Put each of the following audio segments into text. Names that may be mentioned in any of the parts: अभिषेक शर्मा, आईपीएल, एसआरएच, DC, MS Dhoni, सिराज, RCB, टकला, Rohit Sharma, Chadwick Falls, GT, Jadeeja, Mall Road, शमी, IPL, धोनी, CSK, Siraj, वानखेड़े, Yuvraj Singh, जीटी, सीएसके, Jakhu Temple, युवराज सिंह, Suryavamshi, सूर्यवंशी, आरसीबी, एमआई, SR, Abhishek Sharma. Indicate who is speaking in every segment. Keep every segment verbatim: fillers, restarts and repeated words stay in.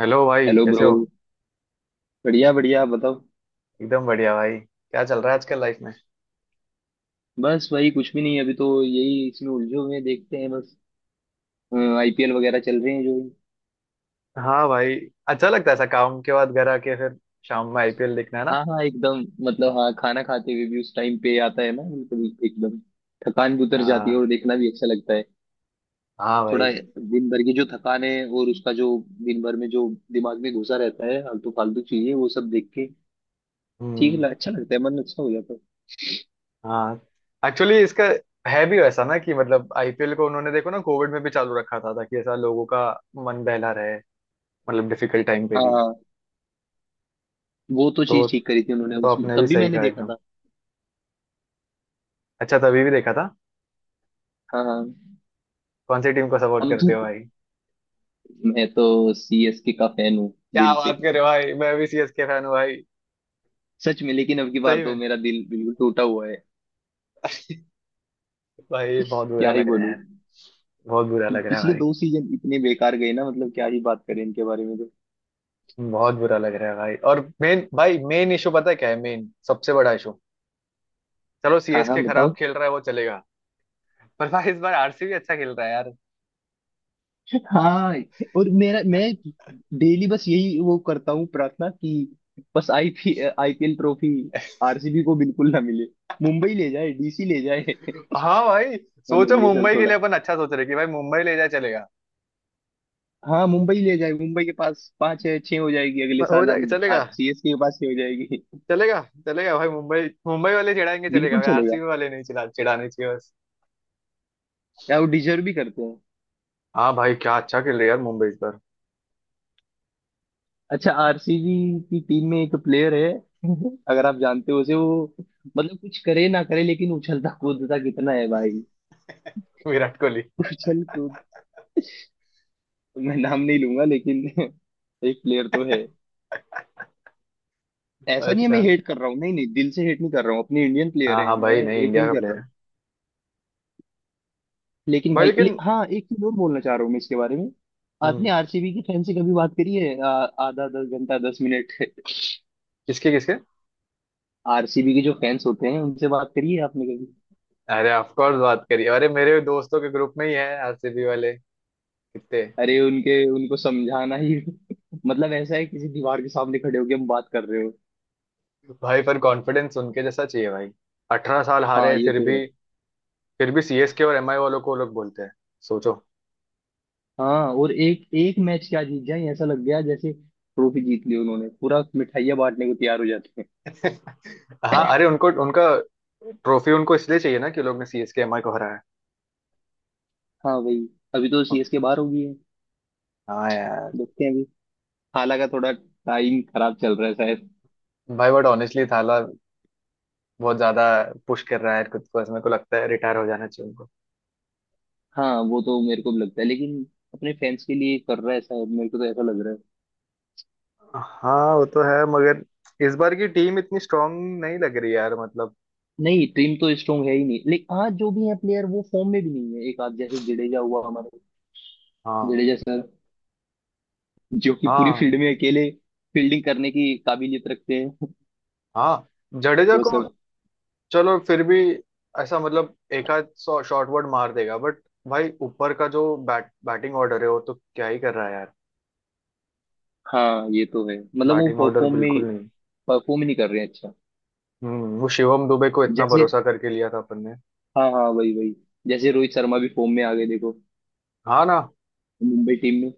Speaker 1: Hello भाई
Speaker 2: hello
Speaker 1: कैसे
Speaker 2: bro.
Speaker 1: हो।
Speaker 2: बढ़िया बढ़िया, आप बताओ।
Speaker 1: एकदम बढ़िया भाई, क्या चल रहा है आजकल लाइफ में।
Speaker 2: बस वही, कुछ भी नहीं। अभी तो यही इसमें उलझे हुए हैं, देखते हैं बस। आई पी एल वगैरह चल रहे हैं जो।
Speaker 1: हाँ भाई, अच्छा लगता है ऐसा काम के बाद घर आके फिर शाम में आईपीएल देखना है ना।
Speaker 2: हाँ हाँ, एकदम। मतलब हाँ, खाना खाते हुए भी उस टाइम पे आता है ना, बिल्कुल एकदम। थकान भी उतर जाती है
Speaker 1: हाँ,
Speaker 2: और देखना भी अच्छा लगता है।
Speaker 1: हाँ
Speaker 2: थोड़ा
Speaker 1: भाई।
Speaker 2: दिन भर की जो थकान है और उसका जो, दिन भर में जो दिमाग में घुसा रहता है फालतू फालतू चीजें, वो सब देख के ठीक
Speaker 1: हम्म।
Speaker 2: ल- अच्छा लगता है, मन अच्छा हो जाता है।
Speaker 1: हाँ, एक्चुअली इसका है भी वैसा ना कि मतलब आईपीएल को उन्होंने देखो ना कोविड में भी चालू रखा था ताकि ऐसा लोगों का मन बहला रहे, मतलब डिफिकल्ट टाइम पे भी।
Speaker 2: हाँ, वो तो
Speaker 1: तो
Speaker 2: चीज ठीक
Speaker 1: तो
Speaker 2: करी थी उन्होंने, उसमें
Speaker 1: आपने
Speaker 2: तब
Speaker 1: भी
Speaker 2: भी
Speaker 1: सही
Speaker 2: मैंने
Speaker 1: कहा
Speaker 2: देखा
Speaker 1: एकदम,
Speaker 2: था।
Speaker 1: अच्छा तभी भी देखा था।
Speaker 2: हाँ हाँ।
Speaker 1: कौन सी टीम को सपोर्ट
Speaker 2: हम तो
Speaker 1: करते हो भाई?
Speaker 2: मैं तो सी एस के का फैन हूँ।
Speaker 1: क्या
Speaker 2: दिल से,
Speaker 1: बात कर रहे हो भाई, मैं भी सीएसके फैन हूँ भाई।
Speaker 2: सच में। लेकिन अब की बार
Speaker 1: सही
Speaker 2: तो
Speaker 1: में
Speaker 2: मेरा दिल बिल्कुल टूटा हुआ है।
Speaker 1: भाई बहुत बुरा
Speaker 2: क्या ही
Speaker 1: लग
Speaker 2: बोलूं।
Speaker 1: रहा, बहुत बुरा लग रहा है
Speaker 2: पिछले
Speaker 1: भाई,
Speaker 2: दो सीजन इतने बेकार गए ना, मतलब क्या ही बात करें इनके बारे में तो।
Speaker 1: बहुत बुरा लग रहा है भाई। और मेन भाई मेन इशू पता है क्या है, मेन सबसे बड़ा इशू, चलो
Speaker 2: हाँ हाँ,
Speaker 1: सीएसके खराब
Speaker 2: बताओ।
Speaker 1: खेल रहा है वो चलेगा, पर भाई इस बार आरसीबी अच्छा खेल रहा है यार।
Speaker 2: हाँ। और मेरा, मैं डेली बस यही वो करता हूँ प्रार्थना कि बस IP I P L trophy R C B को बिल्कुल ना मिले, मुंबई ले जाए, डी सी ले जाए।
Speaker 1: हाँ भाई, सोचो
Speaker 2: मतलब ये सब
Speaker 1: मुंबई के लिए
Speaker 2: थोड़ा।
Speaker 1: अपन अच्छा सोच रहे कि भाई मुंबई ले जाए चलेगा,
Speaker 2: हाँ मुंबई ले जाए, मुंबई के पास पांच है, छह हो जाएगी। अगले
Speaker 1: हो
Speaker 2: साल
Speaker 1: जाएगा
Speaker 2: हम
Speaker 1: चलेगा,
Speaker 2: आर सीएसके के पास छह हो जाएगी।
Speaker 1: चलेगा, चलेगा भाई। मुंबई मुंबई वाले चिढ़ाएंगे चलेगा
Speaker 2: बिल्कुल
Speaker 1: भाई,
Speaker 2: चलेगा,
Speaker 1: आरसीबी वाले नहीं चिढ़ा चिढ़ाने चाहिए बस।
Speaker 2: या वो डिजर्व भी करते हैं।
Speaker 1: हाँ भाई, क्या अच्छा खेल रहा है यार मुंबई इस बार।
Speaker 2: अच्छा, आर सी बी की टीम में एक प्लेयर है, अगर आप जानते हो उसे वो, मतलब कुछ करे ना करे लेकिन उछलता कूदता कितना है भाई।
Speaker 1: विराट कोहली।
Speaker 2: उछल कूद। मैं नाम नहीं लूंगा लेकिन एक प्लेयर तो है। ऐसा नहीं है मैं
Speaker 1: अच्छा।
Speaker 2: हेट कर रहा हूँ, नहीं नहीं, दिल से हेट नहीं कर रहा हूँ। अपने इंडियन प्लेयर
Speaker 1: हाँ
Speaker 2: है,
Speaker 1: हाँ
Speaker 2: मैं
Speaker 1: भाई नहीं,
Speaker 2: हेट
Speaker 1: इंडिया
Speaker 2: नहीं
Speaker 1: का
Speaker 2: कर रहा
Speaker 1: प्लेयर
Speaker 2: हूँ।
Speaker 1: है।
Speaker 2: लेकिन
Speaker 1: भाई
Speaker 2: भाई ले,
Speaker 1: लेकिन।
Speaker 2: हाँ एक चीज और बोलना चाह रहा हूँ मैं इसके बारे में।
Speaker 1: हम्म,
Speaker 2: आपने आर सी बी की फैन से कभी बात करी है? आ- आधा दस घंटा दस मिनट।
Speaker 1: किसके किसके?
Speaker 2: आर सी बी के जो फैंस होते हैं उनसे बात करी है आपने?
Speaker 1: अरे ऑफ कोर्स बात करिए, अरे मेरे दोस्तों के ग्रुप में ही है आरसीबी वाले, कितने।
Speaker 2: अरे उनके उनको समझाना ही मतलब ऐसा है किसी दीवार के सामने खड़े होके हम बात कर रहे हो।
Speaker 1: भाई पर कॉन्फिडेंस उनके जैसा चाहिए भाई, अठारह साल
Speaker 2: हाँ,
Speaker 1: हारे
Speaker 2: ये
Speaker 1: फिर
Speaker 2: तो है।
Speaker 1: भी। फिर भी सीएसके और एमआई वालों को लोग बोलते हैं, सोचो।
Speaker 2: हाँ, और एक एक मैच क्या जीत जाए, ऐसा लग गया जैसे ट्रॉफी जीत ली उन्होंने, पूरा मिठाइयाँ बांटने को तैयार हो जाते हैं।
Speaker 1: हाँ, अरे उनको उनका, ट्रॉफी उनको इसलिए चाहिए ना कि लोग ने सीएसके एमआई को हराया।
Speaker 2: हाँ भाई। अभी तो सी एस के बाहर हो गई है।
Speaker 1: हाँ यार।
Speaker 2: देखते हैं अभी, हालांकि का थोड़ा टाइम खराब चल रहा है शायद।
Speaker 1: भाई बट ऑनेस्टली थाला बहुत ज्यादा पुश कर रहा है खुद को, इसमें को लगता है रिटायर हो जाना चाहिए उनको।
Speaker 2: हाँ, वो तो मेरे को भी लगता है, लेकिन अपने फैंस के लिए कर रहा है शायद, मेरे को तो ऐसा लग रहा है।
Speaker 1: हाँ वो तो है, मगर इस बार की टीम इतनी स्ट्रांग नहीं लग रही यार, मतलब।
Speaker 2: नहीं, टीम तो स्ट्रांग है ही नहीं, लेकिन आज जो भी है प्लेयर वो फॉर्म में भी नहीं है। एक आज जैसे जडेजा हुआ हमारे,
Speaker 1: हाँ।
Speaker 2: जडेजा सर, जो कि पूरी
Speaker 1: हाँ।
Speaker 2: फील्ड में अकेले फील्डिंग करने की काबिलियत रखते हैं
Speaker 1: हाँ। जडेजा
Speaker 2: वो
Speaker 1: को।
Speaker 2: सब।
Speaker 1: चलो फिर भी ऐसा मतलब एक आध शॉर्ट वर्ड मार देगा, बट भाई ऊपर का जो बैट बैटिंग ऑर्डर है वो तो क्या ही कर रहा है यार।
Speaker 2: हाँ ये तो है, मतलब वो
Speaker 1: बैटिंग ऑर्डर
Speaker 2: परफॉर्म में
Speaker 1: बिल्कुल नहीं।
Speaker 2: परफॉर्म नहीं कर रहे हैं अच्छा।
Speaker 1: हम्म वो शिवम दुबे को इतना
Speaker 2: जैसे,
Speaker 1: भरोसा करके लिया था अपन ने।
Speaker 2: हाँ हाँ, वही वही। जैसे रोहित शर्मा भी फॉर्म में आ गए देखो,
Speaker 1: हाँ ना
Speaker 2: मुंबई टीम में।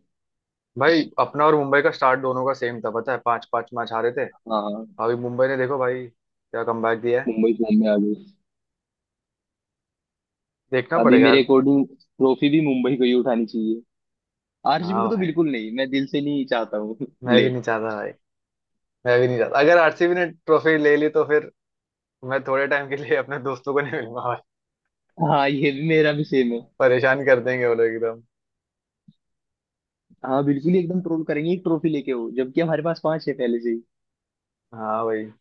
Speaker 1: भाई, अपना और मुंबई का स्टार्ट दोनों का सेम था, पता है पांच पांच मैच हारे थे।
Speaker 2: हाँ हाँ,
Speaker 1: अभी मुंबई ने देखो भाई क्या कमबैक दिया है।
Speaker 2: मुंबई फॉर्म में आ गई।
Speaker 1: देखना
Speaker 2: अभी
Speaker 1: पड़ेगा
Speaker 2: मेरे
Speaker 1: यार।
Speaker 2: अकॉर्डिंग ट्रॉफी भी मुंबई को ही उठानी चाहिए, आर सी बी
Speaker 1: हाँ
Speaker 2: को तो
Speaker 1: भाई,
Speaker 2: बिल्कुल नहीं, मैं दिल से नहीं चाहता हूँ
Speaker 1: मैं
Speaker 2: ले
Speaker 1: भी नहीं चाहता भाई, मैं भी नहीं चाहता, अगर आरसीबी ने ट्रॉफी ले ली तो फिर मैं थोड़े टाइम के लिए अपने दोस्तों को नहीं मिलूंगा,
Speaker 2: हाँ, ये भी मेरा भी सेम है।
Speaker 1: परेशान कर देंगे वो लोग एकदम।
Speaker 2: हाँ बिल्कुल ही, एकदम ट्रोल करेंगे एक ट्रॉफी लेके हो, जबकि हमारे पास पांच है पहले से।
Speaker 1: हाँ भाई,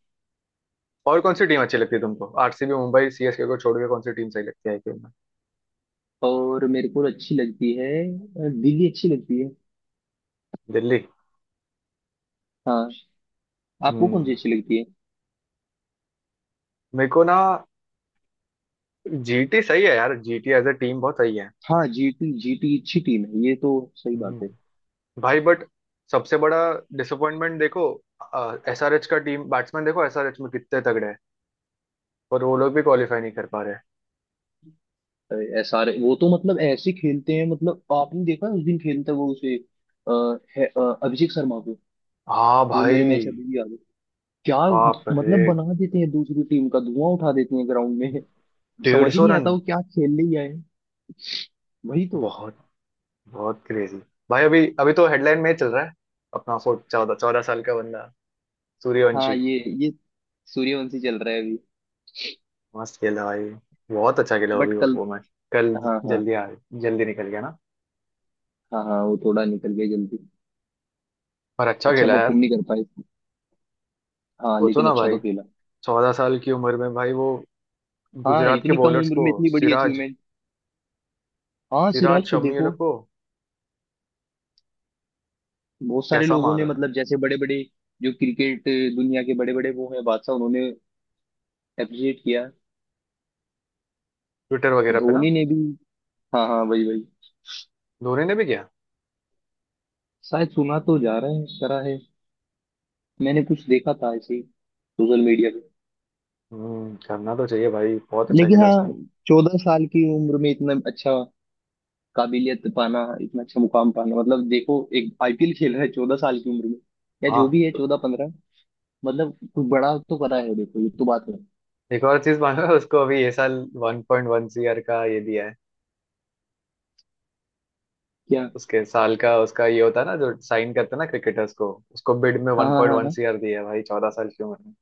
Speaker 1: और कौन सी टीम अच्छी लगती है तुमको, आरसीबी मुंबई सीएसके को छोड़ के कौन सी टीम सही लगती है आईपीएल में?
Speaker 2: और मेरे को अच्छी लगती है, अ, दिल्ली अच्छी लगती है।
Speaker 1: दिल्ली।
Speaker 2: हाँ। आपको कौन सी
Speaker 1: हम्म,
Speaker 2: अच्छी लगती है?
Speaker 1: मेरे को ना जीटी सही है यार, जीटी एज अ टीम बहुत सही है।
Speaker 2: हाँ जी टी, जी टी अच्छी टीम है ये तो। सही बात है।
Speaker 1: हम्म। भाई बट सबसे बड़ा डिसअपॉइंटमेंट देखो एसआरएच का, टीम बैट्समैन देखो एसआरएच में कितने तगड़े हैं, पर वो लोग भी क्वालिफाई नहीं कर पा रहे।
Speaker 2: एस आर वो तो मतलब ऐसे खेलते हैं, मतलब आपने देखा उस दिन खेलता वो उसे, अ, है, अ, अभिषेक शर्मा को।
Speaker 1: हाँ
Speaker 2: वो मेरे
Speaker 1: भाई।
Speaker 2: मैच अभी भी याद है। क्या।
Speaker 1: बाप रे,
Speaker 2: मतलब बना देते हैं, दूसरी टीम का धुआं उठा देते हैं ग्राउंड में।
Speaker 1: डेढ़
Speaker 2: समझ ही
Speaker 1: सौ
Speaker 2: नहीं आता
Speaker 1: रन
Speaker 2: वो क्या खेलने ही आए हैं। वही तो।
Speaker 1: बहुत, बहुत क्रेजी भाई। अभी अभी तो हेडलाइन में ही चल रहा है अपना फोर्ट, चौदह चौदह साल का बंदा,
Speaker 2: हाँ
Speaker 1: सूर्यवंशी।
Speaker 2: ये, ये सूर्यवंशी चल रहा है अभी।
Speaker 1: मस्त खेला भाई, बहुत अच्छा खेला वो
Speaker 2: बट
Speaker 1: भी। वो
Speaker 2: कल,
Speaker 1: वो मैच। कल,
Speaker 2: हाँ हाँ
Speaker 1: जल्दी आ, जल्दी निकल गया ना,
Speaker 2: हाँ हाँ, वो थोड़ा निकल गया जल्दी,
Speaker 1: पर अच्छा
Speaker 2: अच्छा
Speaker 1: खेला यार।
Speaker 2: परफॉर्म नहीं कर पाए। हाँ
Speaker 1: सोचो
Speaker 2: लेकिन
Speaker 1: ना
Speaker 2: अच्छा तो
Speaker 1: भाई,
Speaker 2: खेला।
Speaker 1: चौदह साल की उम्र में भाई वो
Speaker 2: हाँ,
Speaker 1: गुजरात के
Speaker 2: इतनी कम
Speaker 1: बॉलर्स
Speaker 2: उम्र
Speaker 1: को,
Speaker 2: में इतनी बड़ी
Speaker 1: सिराज,
Speaker 2: अचीवमेंट। हाँ, सिराज
Speaker 1: सिराज
Speaker 2: को
Speaker 1: शमी ये लोग
Speaker 2: देखो।
Speaker 1: को
Speaker 2: बहुत सारे
Speaker 1: कैसा
Speaker 2: लोगों
Speaker 1: मार
Speaker 2: ने,
Speaker 1: रहा है।
Speaker 2: मतलब जैसे बड़े बड़े जो क्रिकेट दुनिया के बड़े बड़े, वो हैं बादशाह, उन्होंने अप्रिशिएट किया,
Speaker 1: ट्विटर वगैरह पे ना
Speaker 2: धोनी ने भी। हाँ हाँ, वही वही।
Speaker 1: धोनी ने भी किया।
Speaker 2: शायद सुना तो जा रहे हैं, करा है। मैंने कुछ देखा था ऐसे ही, सोशल मीडिया पे।
Speaker 1: हम्म करना तो चाहिए भाई, बहुत अच्छा
Speaker 2: लेकिन
Speaker 1: खेला
Speaker 2: हाँ,
Speaker 1: उसने।
Speaker 2: चौदह साल की उम्र में इतना अच्छा, काबिलियत पाना इतना अच्छा मुकाम पाना। मतलब देखो, एक आई पी एल खेल रहा है चौदह साल की उम्र में, या जो
Speaker 1: हाँ,
Speaker 2: भी है चौदह पंद्रह। मतलब कुछ बड़ा तो करा है देखो, ये तो बात है।
Speaker 1: एक और चीज मानो, उसको अभी ये साल वन पॉइंट वन सीआर का ये दिया है,
Speaker 2: क्या।
Speaker 1: उसके साल का उसका ये होता है ना जो साइन करते हैं ना क्रिकेटर्स को, उसको बिड में
Speaker 2: हाँ
Speaker 1: वन
Speaker 2: हाँ
Speaker 1: पॉइंट
Speaker 2: हाँ
Speaker 1: वन
Speaker 2: हाँ,
Speaker 1: सीआर दिया है भाई, चौदह साल की उम्र।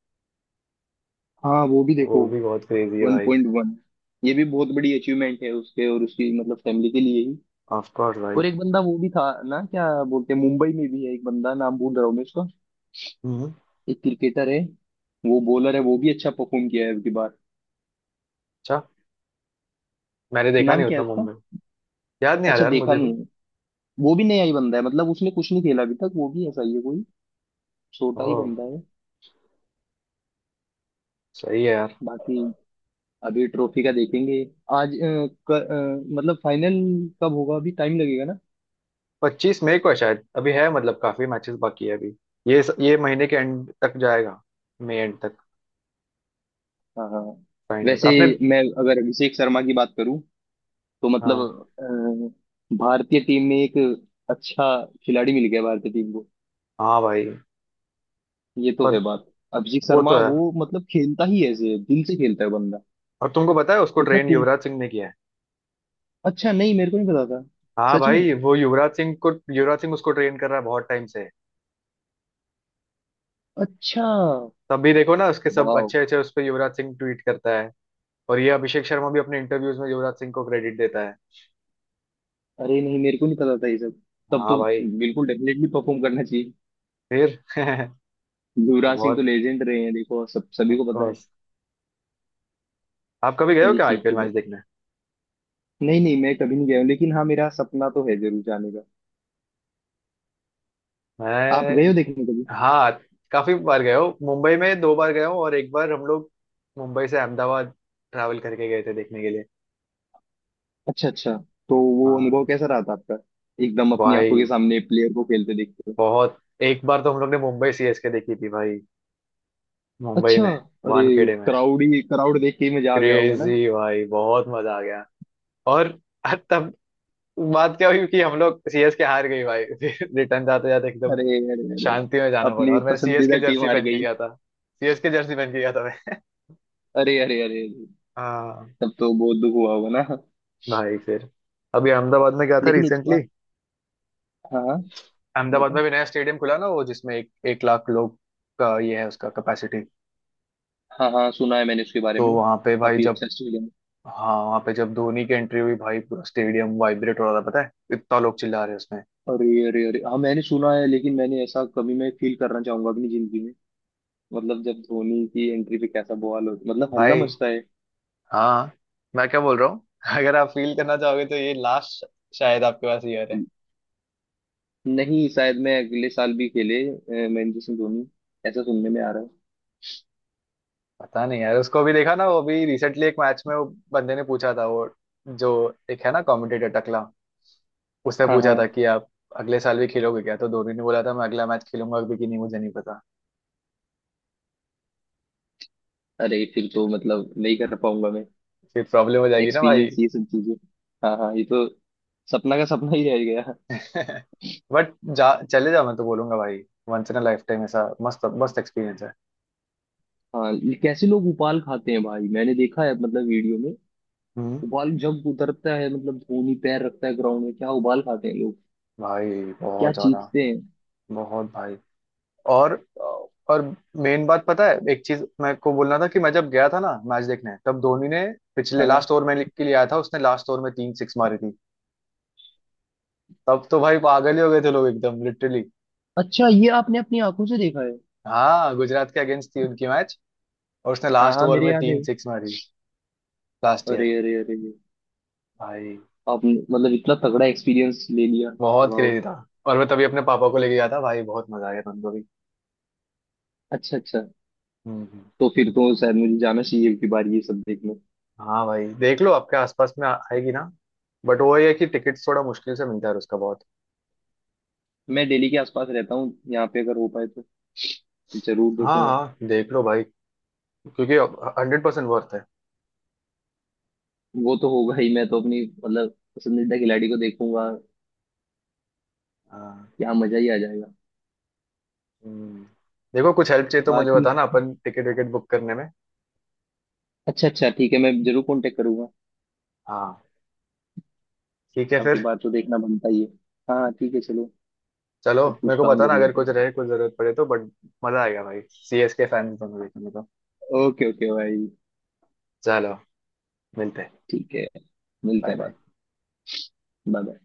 Speaker 2: हाँ वो भी देखो।
Speaker 1: वो भी बहुत क्रेजी है
Speaker 2: वन
Speaker 1: भाई।
Speaker 2: पॉइंट वन ये भी बहुत बड़ी अचीवमेंट है उसके और उसकी मतलब फैमिली के लिए ही।
Speaker 1: ऑफ कोर्स भाई।
Speaker 2: और एक बंदा वो भी था ना, क्या बोलते हैं, मुंबई में भी है एक बंदा, नाम भूल रहा हूँ मैं उसका।
Speaker 1: हम्म
Speaker 2: एक क्रिकेटर है, वो बॉलर है, वो भी अच्छा परफॉर्म किया है अब की बार।
Speaker 1: अच्छा, मैंने देखा
Speaker 2: नाम
Speaker 1: नहीं
Speaker 2: क्या
Speaker 1: उतना
Speaker 2: है उसका?
Speaker 1: मुंबई, याद नहीं आ रहा
Speaker 2: अच्छा
Speaker 1: यार
Speaker 2: देखा
Speaker 1: मुझे भी।
Speaker 2: नहीं है। वो भी नया ही बंदा है, मतलब उसने कुछ नहीं खेला अभी तक, वो भी ऐसा ही है कोई, छोटा ही
Speaker 1: ओह,
Speaker 2: बंदा है।
Speaker 1: सही है यार।
Speaker 2: बाकी अभी ट्रॉफी का देखेंगे आज, अ, क, अ, मतलब फाइनल कब होगा, अभी टाइम लगेगा ना।
Speaker 1: पच्चीस मई को है शायद, अभी है मतलब काफी मैचेस बाकी है अभी, ये ये महीने के एंड तक जाएगा, मई एंड तक।
Speaker 2: हाँ हाँ।
Speaker 1: फाइनल
Speaker 2: वैसे
Speaker 1: आपने।
Speaker 2: मैं अगर अभिषेक शर्मा की बात करूं तो
Speaker 1: हाँ।
Speaker 2: मतलब, अ, भारतीय टीम में एक अच्छा खिलाड़ी मिल गया भारतीय टीम को,
Speaker 1: हाँ भाई,
Speaker 2: ये तो
Speaker 1: पर
Speaker 2: है बात। अभिषेक
Speaker 1: वो
Speaker 2: शर्मा
Speaker 1: तो है,
Speaker 2: वो मतलब खेलता ही ऐसे है, दिल से खेलता है बंदा,
Speaker 1: और तुमको पता है उसको
Speaker 2: उतना
Speaker 1: ट्रेन
Speaker 2: खून।
Speaker 1: युवराज सिंह ने किया है।
Speaker 2: अच्छा, नहीं मेरे को नहीं पता था।
Speaker 1: हाँ
Speaker 2: सच में।
Speaker 1: भाई वो युवराज सिंह को, युवराज सिंह उसको ट्रेन कर रहा है बहुत टाइम से।
Speaker 2: अच्छा।
Speaker 1: तब भी देखो ना उसके सब
Speaker 2: वाह।
Speaker 1: अच्छे अच्छे, उस पर युवराज सिंह ट्वीट करता है। और ये अभिषेक शर्मा भी अपने इंटरव्यूज में युवराज सिंह को क्रेडिट देता है।
Speaker 2: अरे नहीं मेरे को नहीं पता था ये सब। तब
Speaker 1: हाँ
Speaker 2: तो
Speaker 1: भाई।
Speaker 2: बिल्कुल डेफिनेटली परफॉर्म करना चाहिए।
Speaker 1: फिर
Speaker 2: युवराज सिंह तो
Speaker 1: बहुत,
Speaker 2: लेजेंड रहे हैं देखो, सब सभी
Speaker 1: ऑफ
Speaker 2: को पता है
Speaker 1: कोर्स। आप कभी गए हो
Speaker 2: ये
Speaker 1: क्या
Speaker 2: चीज
Speaker 1: आईपीएल
Speaker 2: तो है।
Speaker 1: मैच देखने?
Speaker 2: नहीं नहीं, मैं कभी नहीं गया हूँ, लेकिन हाँ मेरा सपना तो है जरूर जाने का। आप गए
Speaker 1: मैं,
Speaker 2: हो देखने कभी?
Speaker 1: हाँ काफी बार गए हो, मुंबई में दो बार गए हूँ और एक बार हम लोग मुंबई से अहमदाबाद ट्रैवल करके गए थे देखने के लिए।
Speaker 2: अच्छा अच्छा। तो वो अनुभव
Speaker 1: हाँ
Speaker 2: कैसा रहा था आपका, एकदम अपनी आंखों
Speaker 1: भाई,
Speaker 2: के सामने प्लेयर को खेलते देखते हुए।
Speaker 1: बहुत, एक बार तो हम लोग ने मुंबई सीएसके देखी थी भाई मुंबई
Speaker 2: अच्छा।
Speaker 1: में,
Speaker 2: अरे,
Speaker 1: वानखेड़े में।
Speaker 2: क्राउड ही क्राउड देख के ही मजा आ गया होगा ना।
Speaker 1: क्रेजी भाई, बहुत मजा आ गया। और तब बात क्या हुई कि हम लोग सीएसके हार गई भाई फिर रिटर्न जाते जाते एकदम
Speaker 2: अरे अरे अरे,
Speaker 1: शांति में जाना पड़ा,
Speaker 2: अपनी
Speaker 1: और मैं सीएस के
Speaker 2: पसंदीदा टीम
Speaker 1: जर्सी
Speaker 2: हार
Speaker 1: पहन के
Speaker 2: गई।
Speaker 1: गया था, सीएस के जर्सी पहन के गया था मैं।
Speaker 2: अरे अरे अरे अरे,
Speaker 1: हाँ,
Speaker 2: तब तो बहुत दुख हुआ होगा ना।
Speaker 1: भाई फिर अभी अहमदाबाद में गया था
Speaker 2: लेकिन उसका,
Speaker 1: रिसेंटली,
Speaker 2: हाँ हाँ,
Speaker 1: अहमदाबाद
Speaker 2: बताओ।
Speaker 1: में भी नया स्टेडियम खुला ना, वो जिसमें एक एक लाख लोग का ये है उसका कैपेसिटी।
Speaker 2: हाँ हाँ, सुना है मैंने उसके बारे
Speaker 1: तो
Speaker 2: में।
Speaker 1: वहां पे भाई
Speaker 2: काफी
Speaker 1: जब,
Speaker 2: अच्छा स्टेडियम।
Speaker 1: हाँ वहां पे जब धोनी की एंट्री हुई भाई पूरा स्टेडियम वाइब्रेट हो रहा था पता है, इतना लोग चिल्ला रहे हैं उसमें।
Speaker 2: अरे अरे अरे, हाँ मैंने सुना है। लेकिन मैंने ऐसा कभी, मैं फील करना चाहूंगा अपनी जिंदगी में, मतलब जब धोनी की एंट्री पे कैसा बवाल हो, मतलब हल्ला
Speaker 1: भाई।
Speaker 2: मचता है।
Speaker 1: हाँ। मैं क्या बोल रहा हूँ अगर आप फील करना चाहोगे तो ये लास्ट शायद आपके पास ईयर है।
Speaker 2: नहीं शायद, मैं अगले साल भी खेले अ, महेंद्र सिंह धोनी, ऐसा सुनने में आ रहा है।
Speaker 1: पता नहीं यार, उसको भी देखा ना वो भी रिसेंटली एक मैच में वो बंदे ने पूछा था, वो जो एक है ना कमेंटेटर टकला, उसने
Speaker 2: हाँ
Speaker 1: पूछा
Speaker 2: हाँ।
Speaker 1: था कि आप अगले साल भी खेलोगे क्या, तो धोनी ने बोला था मैं अगला मैच खेलूंगा भी कि नहीं मुझे नहीं पता।
Speaker 2: अरे फिर तो मतलब नहीं कर पाऊंगा मैं
Speaker 1: फिर प्रॉब्लम हो जाएगी ना भाई।
Speaker 2: एक्सपीरियंस ये सब चीजें। हाँ हाँ ये तो, सपना का सपना ही रह गया।
Speaker 1: बट जा चले जा मैं तो बोलूंगा भाई, once in a lifetime ऐसा मस्त मस्त एक्सपीरियंस है।
Speaker 2: हाँ, ये कैसे लोग उबाल खाते हैं भाई, मैंने देखा है मतलब वीडियो में।
Speaker 1: हम्म
Speaker 2: उबाल जब उतरता है, मतलब धोनी पैर रखता है ग्राउंड में, क्या उबाल खाते हैं लोग,
Speaker 1: भाई
Speaker 2: क्या
Speaker 1: बहुत ज्यादा,
Speaker 2: चीखते
Speaker 1: बहुत भाई। और
Speaker 2: हैं।
Speaker 1: और मेन बात पता है, एक चीज मैं को बोलना था कि मैं जब गया था ना मैच देखने, तब धोनी ने पिछले
Speaker 2: हाँ।
Speaker 1: लास्ट ओवर में के लिए आया था, उसने लास्ट ओवर में तीन सिक्स मारी थी। तब तो भाई पागल ही हो गए थे लोग एकदम लिटरली।
Speaker 2: अच्छा ये आपने अपनी आंखों से देखा है?
Speaker 1: हाँ, गुजरात के अगेंस्ट थी उनकी मैच, और उसने
Speaker 2: हाँ
Speaker 1: लास्ट
Speaker 2: हाँ,
Speaker 1: ओवर
Speaker 2: मेरे
Speaker 1: में
Speaker 2: याद है।
Speaker 1: तीन सिक्स मारी लास्ट ईयर
Speaker 2: अरे अरे अरे,
Speaker 1: भाई,
Speaker 2: आपने मतलब इतना तगड़ा एक्सपीरियंस ले लिया।
Speaker 1: बहुत
Speaker 2: वाह।
Speaker 1: क्रेजी था, और मैं तभी अपने पापा को लेके गया था भाई, बहुत मजा आया था उनको भी।
Speaker 2: अच्छा अच्छा।
Speaker 1: हम्म, हम्म।
Speaker 2: तो फिर तो शायद मुझे जाना चाहिए एक बार ये सब देखने।
Speaker 1: हाँ भाई देख लो आपके आसपास में आ- आएगी ना, बट वो ये है कि टिकट्स थोड़ा मुश्किल से मिलता है उसका बहुत।
Speaker 2: मैं दिल्ली के आसपास रहता हूँ, यहाँ पे अगर हो पाए तो जरूर
Speaker 1: हाँ
Speaker 2: देखूंगा।
Speaker 1: हाँ देख लो भाई, क्योंकि हंड्रेड परसेंट वर्थ है।
Speaker 2: वो तो होगा ही, मैं तो अपनी मतलब पसंदीदा खिलाड़ी को देखूंगा,
Speaker 1: हाँ।
Speaker 2: यहाँ मजा ही आ जाएगा।
Speaker 1: हम्म। देखो कुछ हेल्प चाहिए तो मुझे
Speaker 2: बाकी,
Speaker 1: बताना, अपन टिकट विकेट बुक करने में।
Speaker 2: अच्छा अच्छा ठीक है, मैं जरूर कांटेक्ट करूंगा,
Speaker 1: हाँ। ठीक है
Speaker 2: आपकी
Speaker 1: फिर।
Speaker 2: बात तो देखना बनता ही है। हाँ हाँ, ठीक है चलो,
Speaker 1: चलो
Speaker 2: आज कुछ
Speaker 1: मेरे को
Speaker 2: काम कर
Speaker 1: बताना अगर
Speaker 2: लेते
Speaker 1: कुछ
Speaker 2: हैं।
Speaker 1: रहे कुछ जरूरत पड़े तो, बट मजा आएगा भाई सीएस के फैन दोनों देखेंगे तो।
Speaker 2: ओके ओके भाई,
Speaker 1: चलो मिलते हैं।
Speaker 2: ठीक है, मिलते
Speaker 1: बाय
Speaker 2: हैं
Speaker 1: बाय।
Speaker 2: बाद। Bye bye.